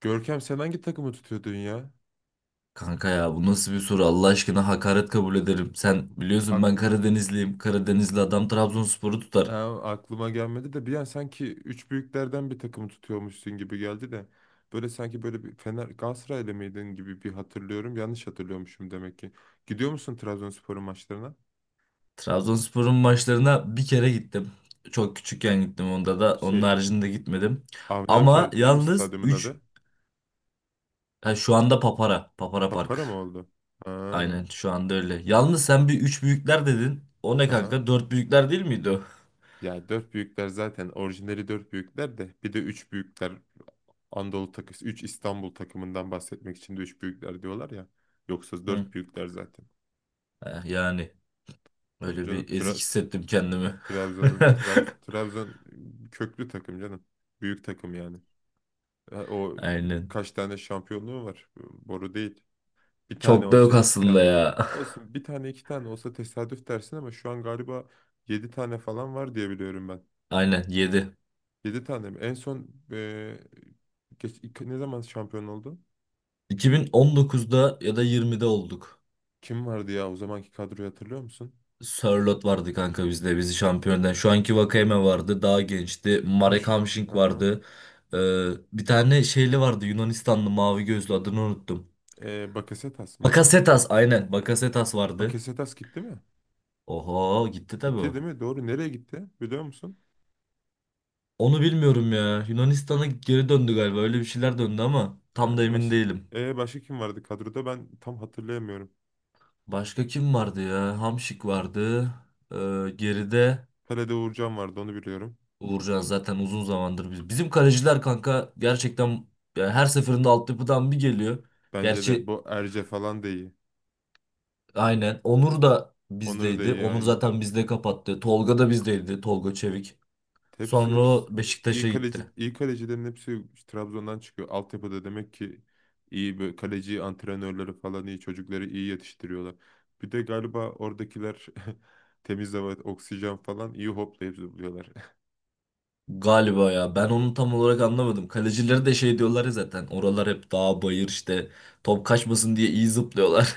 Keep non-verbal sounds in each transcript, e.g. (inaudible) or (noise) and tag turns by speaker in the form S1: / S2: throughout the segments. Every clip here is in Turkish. S1: Görkem sen hangi takımı tutuyordun ya?
S2: Kanka ya bu nasıl bir soru, Allah aşkına, hakaret kabul ederim. Sen biliyorsun ben
S1: Akl-
S2: Karadenizliyim. Karadenizli adam Trabzonspor'u tutar.
S1: Ha, aklıma gelmedi de bir an sanki üç büyüklerden bir takımı tutuyormuşsun gibi geldi de. Böyle sanki böyle bir Fener Galatasaraylı mıydın gibi bir hatırlıyorum. Yanlış hatırlıyormuşum demek ki. Gidiyor musun Trabzonspor'un maçlarına?
S2: Trabzonspor'un maçlarına bir kere gittim. Çok küçükken gittim onda da. Onun
S1: Şey
S2: haricinde gitmedim.
S1: Avni
S2: Ama
S1: Aker'di değil mi
S2: yalnız
S1: stadyumun
S2: 3,
S1: adı?
S2: şu anda Papara. Papara Park.
S1: Papara mı oldu? Ha,
S2: Aynen, şu anda öyle. Yalnız sen bir 3 büyükler dedin. O ne
S1: aha.
S2: kanka? Dört büyükler değil miydi o?
S1: Ya dört büyükler zaten orijinali dört büyükler de bir de üç büyükler Anadolu takısı, üç İstanbul takımından bahsetmek için de üç büyükler diyorlar ya. Yoksa
S2: Hı.
S1: dört büyükler zaten.
S2: Yani
S1: Tabii
S2: öyle
S1: canım
S2: bir ezik hissettim kendimi.
S1: Trabzon'un
S2: (laughs)
S1: Trabzon köklü takım canım. Büyük takım yani. Ha, o
S2: Aynen.
S1: kaç tane şampiyonluğu var? Boru değil. Bir tane
S2: Çok da
S1: olsa
S2: yok
S1: iki
S2: aslında
S1: tane.
S2: ya. (laughs)
S1: Olsun bir tane iki tane olsa tesadüf dersin ama şu an galiba yedi tane falan var diye biliyorum ben.
S2: Aynen 7.
S1: Yedi tane mi? En son ne zaman şampiyon oldu?
S2: 2019'da ya da 20'de olduk.
S1: Kim vardı ya o zamanki kadroyu hatırlıyor musun?
S2: Sörloth vardı kanka bizde bizi şampiyondan. Şu anki Vakayeme vardı, daha gençti.
S1: Ha
S2: Marek
S1: şu,
S2: Hamšík
S1: aha.
S2: vardı. Ee, Bir tane şeyli vardı, Yunanistanlı mavi gözlü, adını unuttum.
S1: Bakasetas mı?
S2: Bakasetas, aynen, Bakasetas vardı.
S1: Bakasetas gitti mi?
S2: Oho, gitti tabii
S1: Gitti
S2: o.
S1: değil mi? Doğru. Nereye gitti? Biliyor musun?
S2: Onu bilmiyorum ya. Yunanistan'a geri döndü galiba, öyle bir şeyler, döndü ama tam da
S1: Ee,
S2: emin
S1: baş...
S2: değilim.
S1: Başka kim vardı kadroda? Ben tam hatırlayamıyorum.
S2: Başka kim vardı ya? Hamşik vardı. Ee, geride.
S1: Pele'de Uğurcan vardı onu biliyorum.
S2: Uğurcan zaten uzun zamandır Bizim kaleciler kanka, gerçekten yani her seferinde altyapıdan bir geliyor.
S1: Bence de
S2: Gerçi
S1: bu Erce falan da iyi.
S2: aynen. Onur da
S1: Onur da
S2: bizdeydi.
S1: iyi
S2: Onur
S1: aynen.
S2: zaten bizde kapattı. Tolga da bizdeydi. Tolga Çevik.
S1: Hepsi
S2: Sonra o
S1: hepsi e, iyi
S2: Beşiktaş'a
S1: kaleci
S2: gitti.
S1: iyi kalecilerin hepsi Trabzon'dan çıkıyor. Altyapıda demek ki iyi böyle kaleci antrenörleri falan iyi çocukları iyi yetiştiriyorlar. Bir de galiba oradakiler (laughs) temiz hava, oksijen falan iyi hoplayıp zıplıyorlar.
S2: Galiba ya. Ben onu tam olarak anlamadım. Kalecileri de şey diyorlar ya zaten. Oralar hep dağ bayır işte. Top kaçmasın diye iyi zıplıyorlar.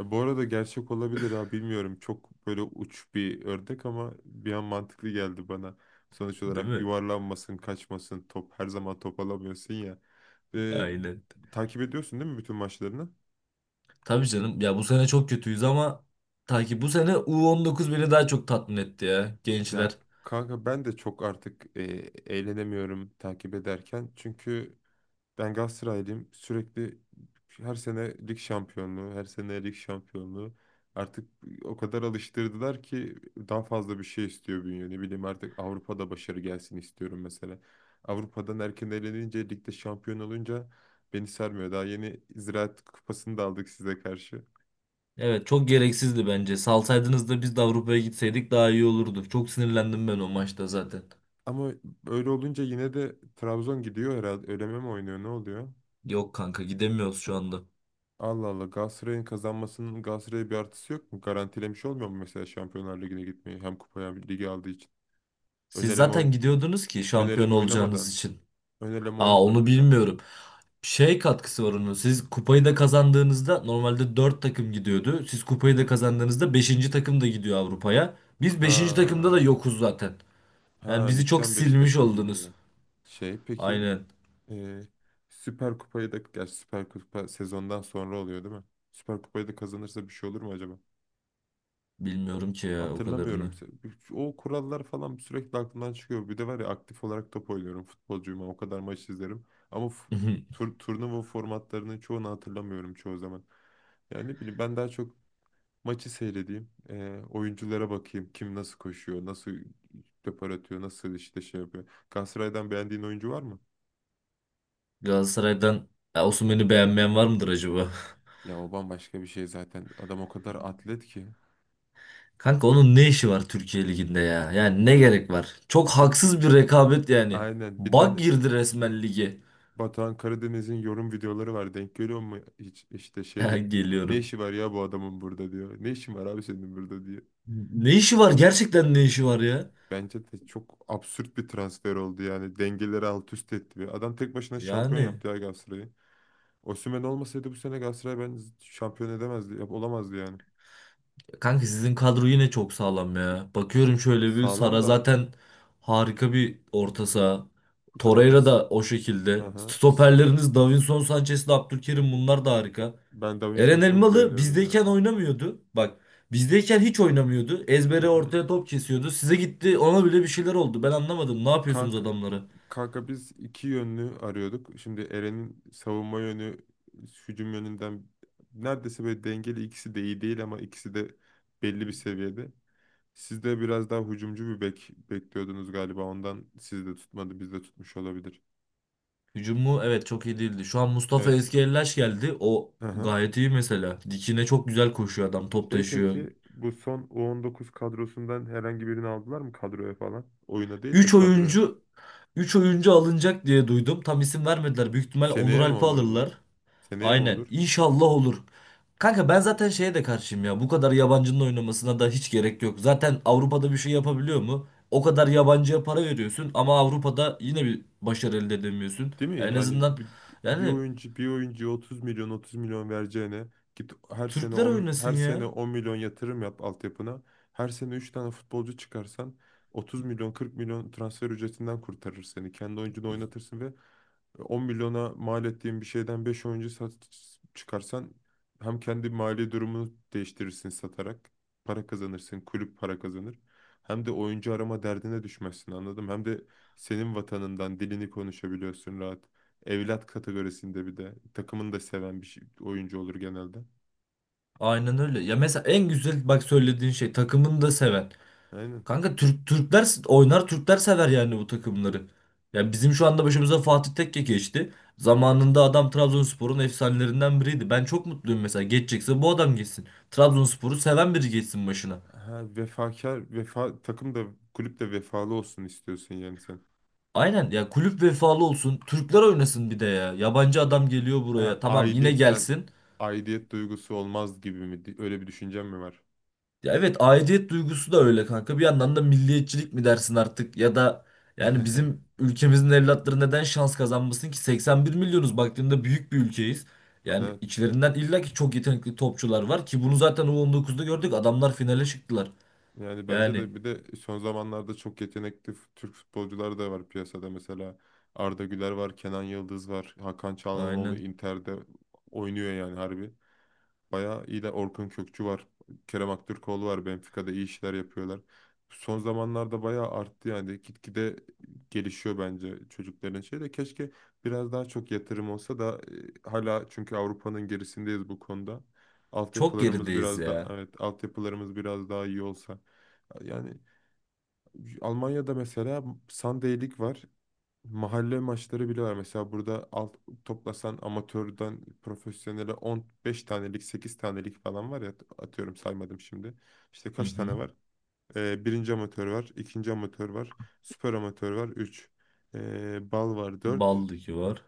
S1: Bu arada gerçek olabilir ha bilmiyorum. Çok böyle uç bir ördek ama bir an mantıklı geldi bana. Sonuç
S2: (laughs) Değil
S1: olarak
S2: mi?
S1: yuvarlanmasın, kaçmasın, top her zaman top alamıyorsun ya. E,
S2: Aynen.
S1: Takip ediyorsun değil mi bütün maçlarını?
S2: Tabii canım. Ya bu sene çok kötüyüz ama ta ki bu sene U19 beni daha çok tatmin etti ya.
S1: Ya
S2: Gençler.
S1: kanka ben de çok artık eğlenemiyorum takip ederken. Çünkü ben Galatasaraylıyım. Sürekli her sene lig şampiyonluğu, her sene lig şampiyonluğu. Artık o kadar alıştırdılar ki daha fazla bir şey istiyor bünye. Ne bileyim artık Avrupa'da başarı gelsin istiyorum mesela. Avrupa'dan erken elenince, ligde şampiyon olunca beni sarmıyor. Daha yeni Ziraat Kupası'nı da aldık size karşı.
S2: Evet, çok gereksizdi bence. Salsaydınız da biz de Avrupa'ya gitseydik daha iyi olurdu. Çok sinirlendim ben o maçta zaten.
S1: Ama öyle olunca yine de Trabzon gidiyor herhalde. Öleme mi oynuyor, ne oluyor?
S2: Yok kanka, gidemiyoruz şu anda.
S1: Allah Allah Galatasaray'ın kazanmasının Galatasaray'a bir artısı yok mu? Garantilemiş olmuyor mu mesela Şampiyonlar Ligi'ne gitmeyi hem kupaya hem ligi aldığı için?
S2: Siz
S1: Önereme,
S2: zaten gidiyordunuz ki, şampiyon
S1: önereme
S2: olacağınız
S1: oynamadan.
S2: için.
S1: Önereme
S2: Aa, onu
S1: önceden.
S2: bilmiyorum. Şey, katkısı var onun. Siz kupayı da kazandığınızda normalde 4 takım gidiyordu. Siz
S1: Hı
S2: kupayı da
S1: hı.
S2: kazandığınızda beşinci takım da gidiyor Avrupa'ya. Biz beşinci takımda da
S1: Ha,
S2: yokuz zaten. Yani
S1: ha
S2: bizi çok
S1: ligden 5
S2: silmiş
S1: takım
S2: oldunuz.
S1: geliyor. Peki
S2: Aynen.
S1: e, Süper Kupayı da gerçi Süper Kupa sezondan sonra oluyor değil mi? Süper Kupayı da kazanırsa bir şey olur mu acaba?
S2: Bilmiyorum ki ya, o
S1: Hatırlamıyorum.
S2: kadarını.
S1: O kurallar falan sürekli aklımdan çıkıyor. Bir de var ya aktif olarak top oynuyorum. Futbolcuyum. Ama o kadar maç izlerim. Ama
S2: (laughs)
S1: turnuva formatlarının çoğunu hatırlamıyorum çoğu zaman. Yani ne bileyim ben daha çok maçı seyredeyim. Oyunculara bakayım. Kim nasıl koşuyor, nasıl depar atıyor, nasıl işte şey yapıyor. Galatasaray'dan beğendiğin oyuncu var mı?
S2: Galatasaray'dan, ya Osimhen'i beğenmeyen var mıdır acaba?
S1: Ya o bambaşka bir şey zaten. Adam o kadar atlet ki.
S2: (laughs) Kanka onun ne işi var Türkiye Ligi'nde ya? Yani ne
S1: Değil mi?
S2: gerek var? Çok
S1: Bir-
S2: haksız bir rekabet yani.
S1: aynen. Bir
S2: Bak,
S1: tane
S2: girdi resmen lige. (laughs)
S1: Batuhan Karadeniz'in yorum videoları var. Denk görüyor mu? Hiç işte şey
S2: Ya
S1: diyor. Ne
S2: geliyorum.
S1: işi var ya bu adamın burada diyor. Ne işin var abi senin burada diyor.
S2: Ne işi var? Gerçekten ne işi var ya?
S1: Bence de çok absürt bir transfer oldu yani. Dengeleri alt üst etti. Ve adam tek başına şampiyon
S2: Yani
S1: yaptı ya Galatasaray'ı. Osimhen olmasaydı bu sene Galatasaray ben şampiyon edemezdi. Olamazdı yani.
S2: kanka sizin kadro yine çok sağlam ya. Bakıyorum şöyle bir,
S1: Sağlam
S2: Sara
S1: da
S2: zaten harika bir orta saha.
S1: kanka.
S2: Torreira da o şekilde.
S1: Aha.
S2: Stoperleriniz Davinson Sanchez'le Abdülkerim, bunlar da harika.
S1: Ben
S2: Eren
S1: Davinson'u çok
S2: Elmalı
S1: beğeniyorum ya.
S2: bizdeyken oynamıyordu. Bak, bizdeyken hiç oynamıyordu.
S1: Hı
S2: Ezbere
S1: hı.
S2: ortaya top kesiyordu. Size gitti, ona bile bir şeyler oldu. Ben anlamadım. Ne yapıyorsunuz
S1: Kanka
S2: adamları?
S1: Kanka, biz iki yönlü arıyorduk. Şimdi Eren'in savunma yönü hücum yönünden neredeyse böyle dengeli, ikisi de iyi değil ama ikisi de belli bir seviyede. Siz de biraz daha hücumcu bir bek bekliyordunuz galiba. Ondan siz de tutmadı, biz de tutmuş olabilir.
S2: Hücum Evet, çok iyi değildi. Şu an Mustafa
S1: Evet.
S2: Eskiellaş geldi. O
S1: Hı hı.
S2: gayet iyi mesela. Dikine çok güzel koşuyor adam. Top taşıyor.
S1: Peki bu son U19 kadrosundan herhangi birini aldılar mı kadroya falan? Oyuna değil de
S2: 3
S1: kadroya.
S2: oyuncu 3 oyuncu alınacak diye duydum. Tam isim vermediler. Büyük ihtimal Onur
S1: Seneye mi
S2: Alp'i
S1: olur bu?
S2: alırlar.
S1: Seneye mi
S2: Aynen.
S1: olur?
S2: İnşallah olur. Kanka ben zaten şeye de karşıyım ya. Bu kadar yabancının oynamasına da hiç gerek yok. Zaten Avrupa'da bir şey yapabiliyor mu? O kadar yabancıya para veriyorsun ama Avrupa'da yine bir başarı elde edemiyorsun.
S1: Değil mi?
S2: En
S1: Yani
S2: azından
S1: bir
S2: yani,
S1: oyuncu bir oyuncuya 30 milyon 30 milyon vereceğine git her sene
S2: Türkler
S1: 10,
S2: oynasın
S1: her sene
S2: ya.
S1: 10 milyon yatırım yap altyapına. Her sene 3 tane futbolcu çıkarsan 30 milyon 40 milyon transfer ücretinden kurtarır seni. Kendi oyuncunu oynatırsın ve 10 milyona mal ettiğin bir şeyden 5 oyuncu sat, çıkarsan hem kendi mali durumunu değiştirirsin satarak para kazanırsın, kulüp para kazanır. Hem de oyuncu arama derdine düşmezsin anladım. Hem de senin vatanından dilini konuşabiliyorsun rahat. Evlat kategorisinde bir de. Takımını da seven oyuncu olur genelde.
S2: Aynen öyle. Ya mesela en güzel, bak, söylediğin şey, takımını da seven.
S1: Aynen.
S2: Kanka Türkler oynar, Türkler sever yani bu takımları. Yani bizim şu anda başımıza Fatih Tekke geçti. Zamanında adam Trabzonspor'un efsanelerinden biriydi. Ben çok mutluyum mesela. Geçecekse bu adam geçsin. Trabzonspor'u seven biri geçsin başına.
S1: Ha, vefakar, takım da kulüp de vefalı olsun istiyorsun yani sen.
S2: Aynen ya, kulüp vefalı olsun. Türkler oynasın bir de ya. Yabancı
S1: Ya-
S2: adam geliyor buraya.
S1: Ha,
S2: Tamam, yine
S1: sen
S2: gelsin.
S1: aidiyet duygusu olmaz gibi mi? Öyle bir düşüncen mi var?
S2: Ya evet, aidiyet duygusu da öyle kanka. Bir yandan da milliyetçilik mi dersin artık, ya da yani bizim
S1: (laughs)
S2: ülkemizin evlatları neden şans kazanmasın ki? 81 milyonuz, baktığında büyük bir ülkeyiz. Yani
S1: Evet.
S2: içlerinden illa ki çok yetenekli topçular var ki bunu zaten U19'da gördük. Adamlar finale çıktılar.
S1: Yani bence
S2: Yani
S1: de bir de son zamanlarda çok yetenekli Türk futbolcular da var piyasada. Mesela Arda Güler var, Kenan Yıldız var, Hakan Çalhanoğlu
S2: aynen.
S1: Inter'de oynuyor yani harbi. Bayağı iyi de Orkun Kökçü var. Kerem Aktürkoğlu var. Benfica'da iyi işler yapıyorlar. Son zamanlarda bayağı arttı yani. Gitgide gelişiyor bence çocukların şeyi de. Keşke biraz daha çok yatırım olsa da hala çünkü Avrupa'nın gerisindeyiz bu konuda.
S2: Çok
S1: Altyapılarımız
S2: gerideyiz
S1: biraz da
S2: ya.
S1: evet, altyapılarımız biraz daha iyi olsa. Yani Almanya'da mesela Sunday Lig var. Mahalle maçları bile var. Mesela burada toplasan amatörden profesyonele 15 tanelik, 8 tanelik falan var ya atıyorum saymadım şimdi. İşte
S2: Hı
S1: kaç tane
S2: hı.
S1: var? Birinci amatör var, ikinci amatör var, süper amatör var, 3. bal var, dört,
S2: Ballı ki var.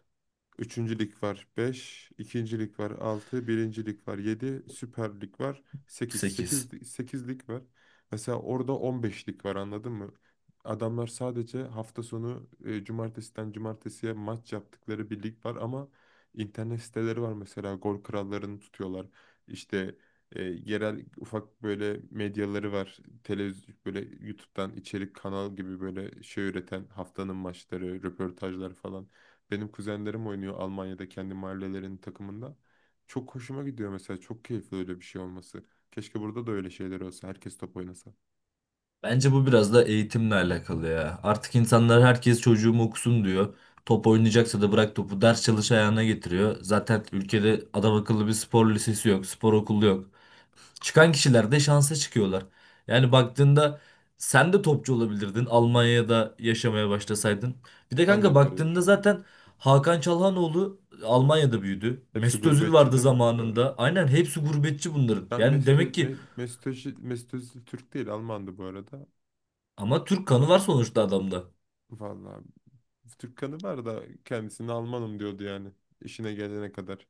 S1: üçüncü lig var, beş, ikinci lig var, altı, birinci lig var, yedi, Süper Lig var, sekiz,
S2: 8.
S1: 8 lig var. Mesela orada 15 lig var, anladın mı? Adamlar sadece hafta sonu cumartesiden cumartesiye maç yaptıkları bir lig var ama internet siteleri var, mesela gol krallarını tutuyorlar. İşte yerel ufak böyle medyaları var. Televizyon böyle YouTube'dan içerik kanal gibi böyle şey üreten haftanın maçları, röportajlar falan. Benim kuzenlerim oynuyor Almanya'da kendi mahallelerinin takımında. Çok hoşuma gidiyor mesela. Çok keyifli öyle bir şey olması. Keşke burada da öyle şeyler olsa. Herkes top oynasa.
S2: Bence bu biraz da eğitimle alakalı ya. Artık insanlar, herkes çocuğum okusun diyor. Top oynayacaksa da bırak topu ders çalış ayağına getiriyor. Zaten ülkede adam akıllı bir spor lisesi yok, spor okulu yok. Çıkan kişiler de şansa çıkıyorlar. Yani baktığında sen de topçu olabilirdin
S1: Hı hı.
S2: Almanya'da yaşamaya başlasaydın. Bir de
S1: Ben de
S2: kanka
S1: hep öyle
S2: baktığında
S1: düşünüyorum.
S2: zaten Hakan Çalhanoğlu Almanya'da büyüdü.
S1: Hepsi
S2: Mesut Özil
S1: gurbetçi
S2: vardı
S1: değil mi? Doğru.
S2: zamanında. Aynen, hepsi gurbetçi bunların.
S1: Ben
S2: Yani
S1: mesto
S2: demek
S1: Ö-
S2: ki,
S1: Me- Mesut, Özil- Mesut Özil Türk değil Almandı bu arada.
S2: ama Türk kanı var sonuçta adamda.
S1: Vallahi Türk kanı var da kendisini Almanım diyordu yani. İşine gelene kadar.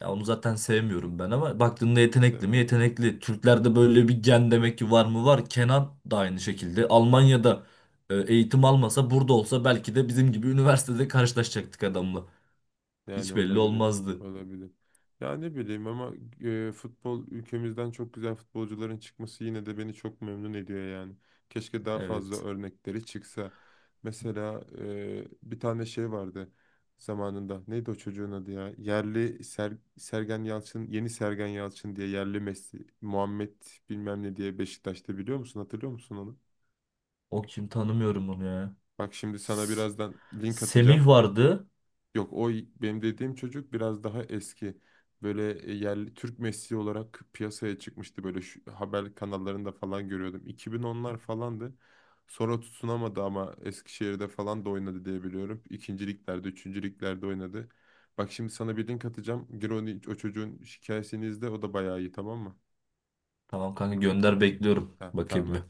S2: Ya onu zaten sevmiyorum ben ama baktığında
S1: Ben de
S2: yetenekli mi?
S1: sevmiyorum.
S2: Yetenekli. Türklerde böyle bir gen demek ki var mı? Var. Kenan da aynı şekilde. Almanya'da eğitim almasa burada olsa, belki de bizim gibi üniversitede karşılaşacaktık adamla.
S1: Yani
S2: Hiç belli
S1: olabilir.
S2: olmazdı.
S1: Olabilir. Ya ne bileyim ama futbol ülkemizden çok güzel futbolcuların çıkması yine de beni çok memnun ediyor yani. Keşke daha fazla
S2: Evet.
S1: örnekleri çıksa. Mesela bir tane şey vardı zamanında. Neydi o çocuğun adı ya? Yerli Sergen Yalçın, yeni Sergen Yalçın diye yerli Messi, Muhammed bilmem ne diye Beşiktaş'ta biliyor musun? Hatırlıyor musun onu?
S2: O kim, tanımıyorum onu ya.
S1: Bak şimdi sana
S2: S-
S1: birazdan link
S2: Semih
S1: atacağım.
S2: vardı.
S1: Yok o benim dediğim çocuk biraz daha eski. Böyle yerli Türk Messi olarak piyasaya çıkmıştı. Böyle şu, haber kanallarında falan görüyordum. 2010'lar falandı. Sonra tutunamadı ama Eskişehir'de falan da oynadı diye biliyorum. İkinci liglerde, üçüncü liglerde oynadı. Bak şimdi sana bir link atacağım. Gir onu, o çocuğun hikayesini izle. O da bayağı iyi tamam mı?
S2: Tamam kanka, gönder, bekliyorum.
S1: Ha, tamam
S2: Bakayım bir.
S1: hadi.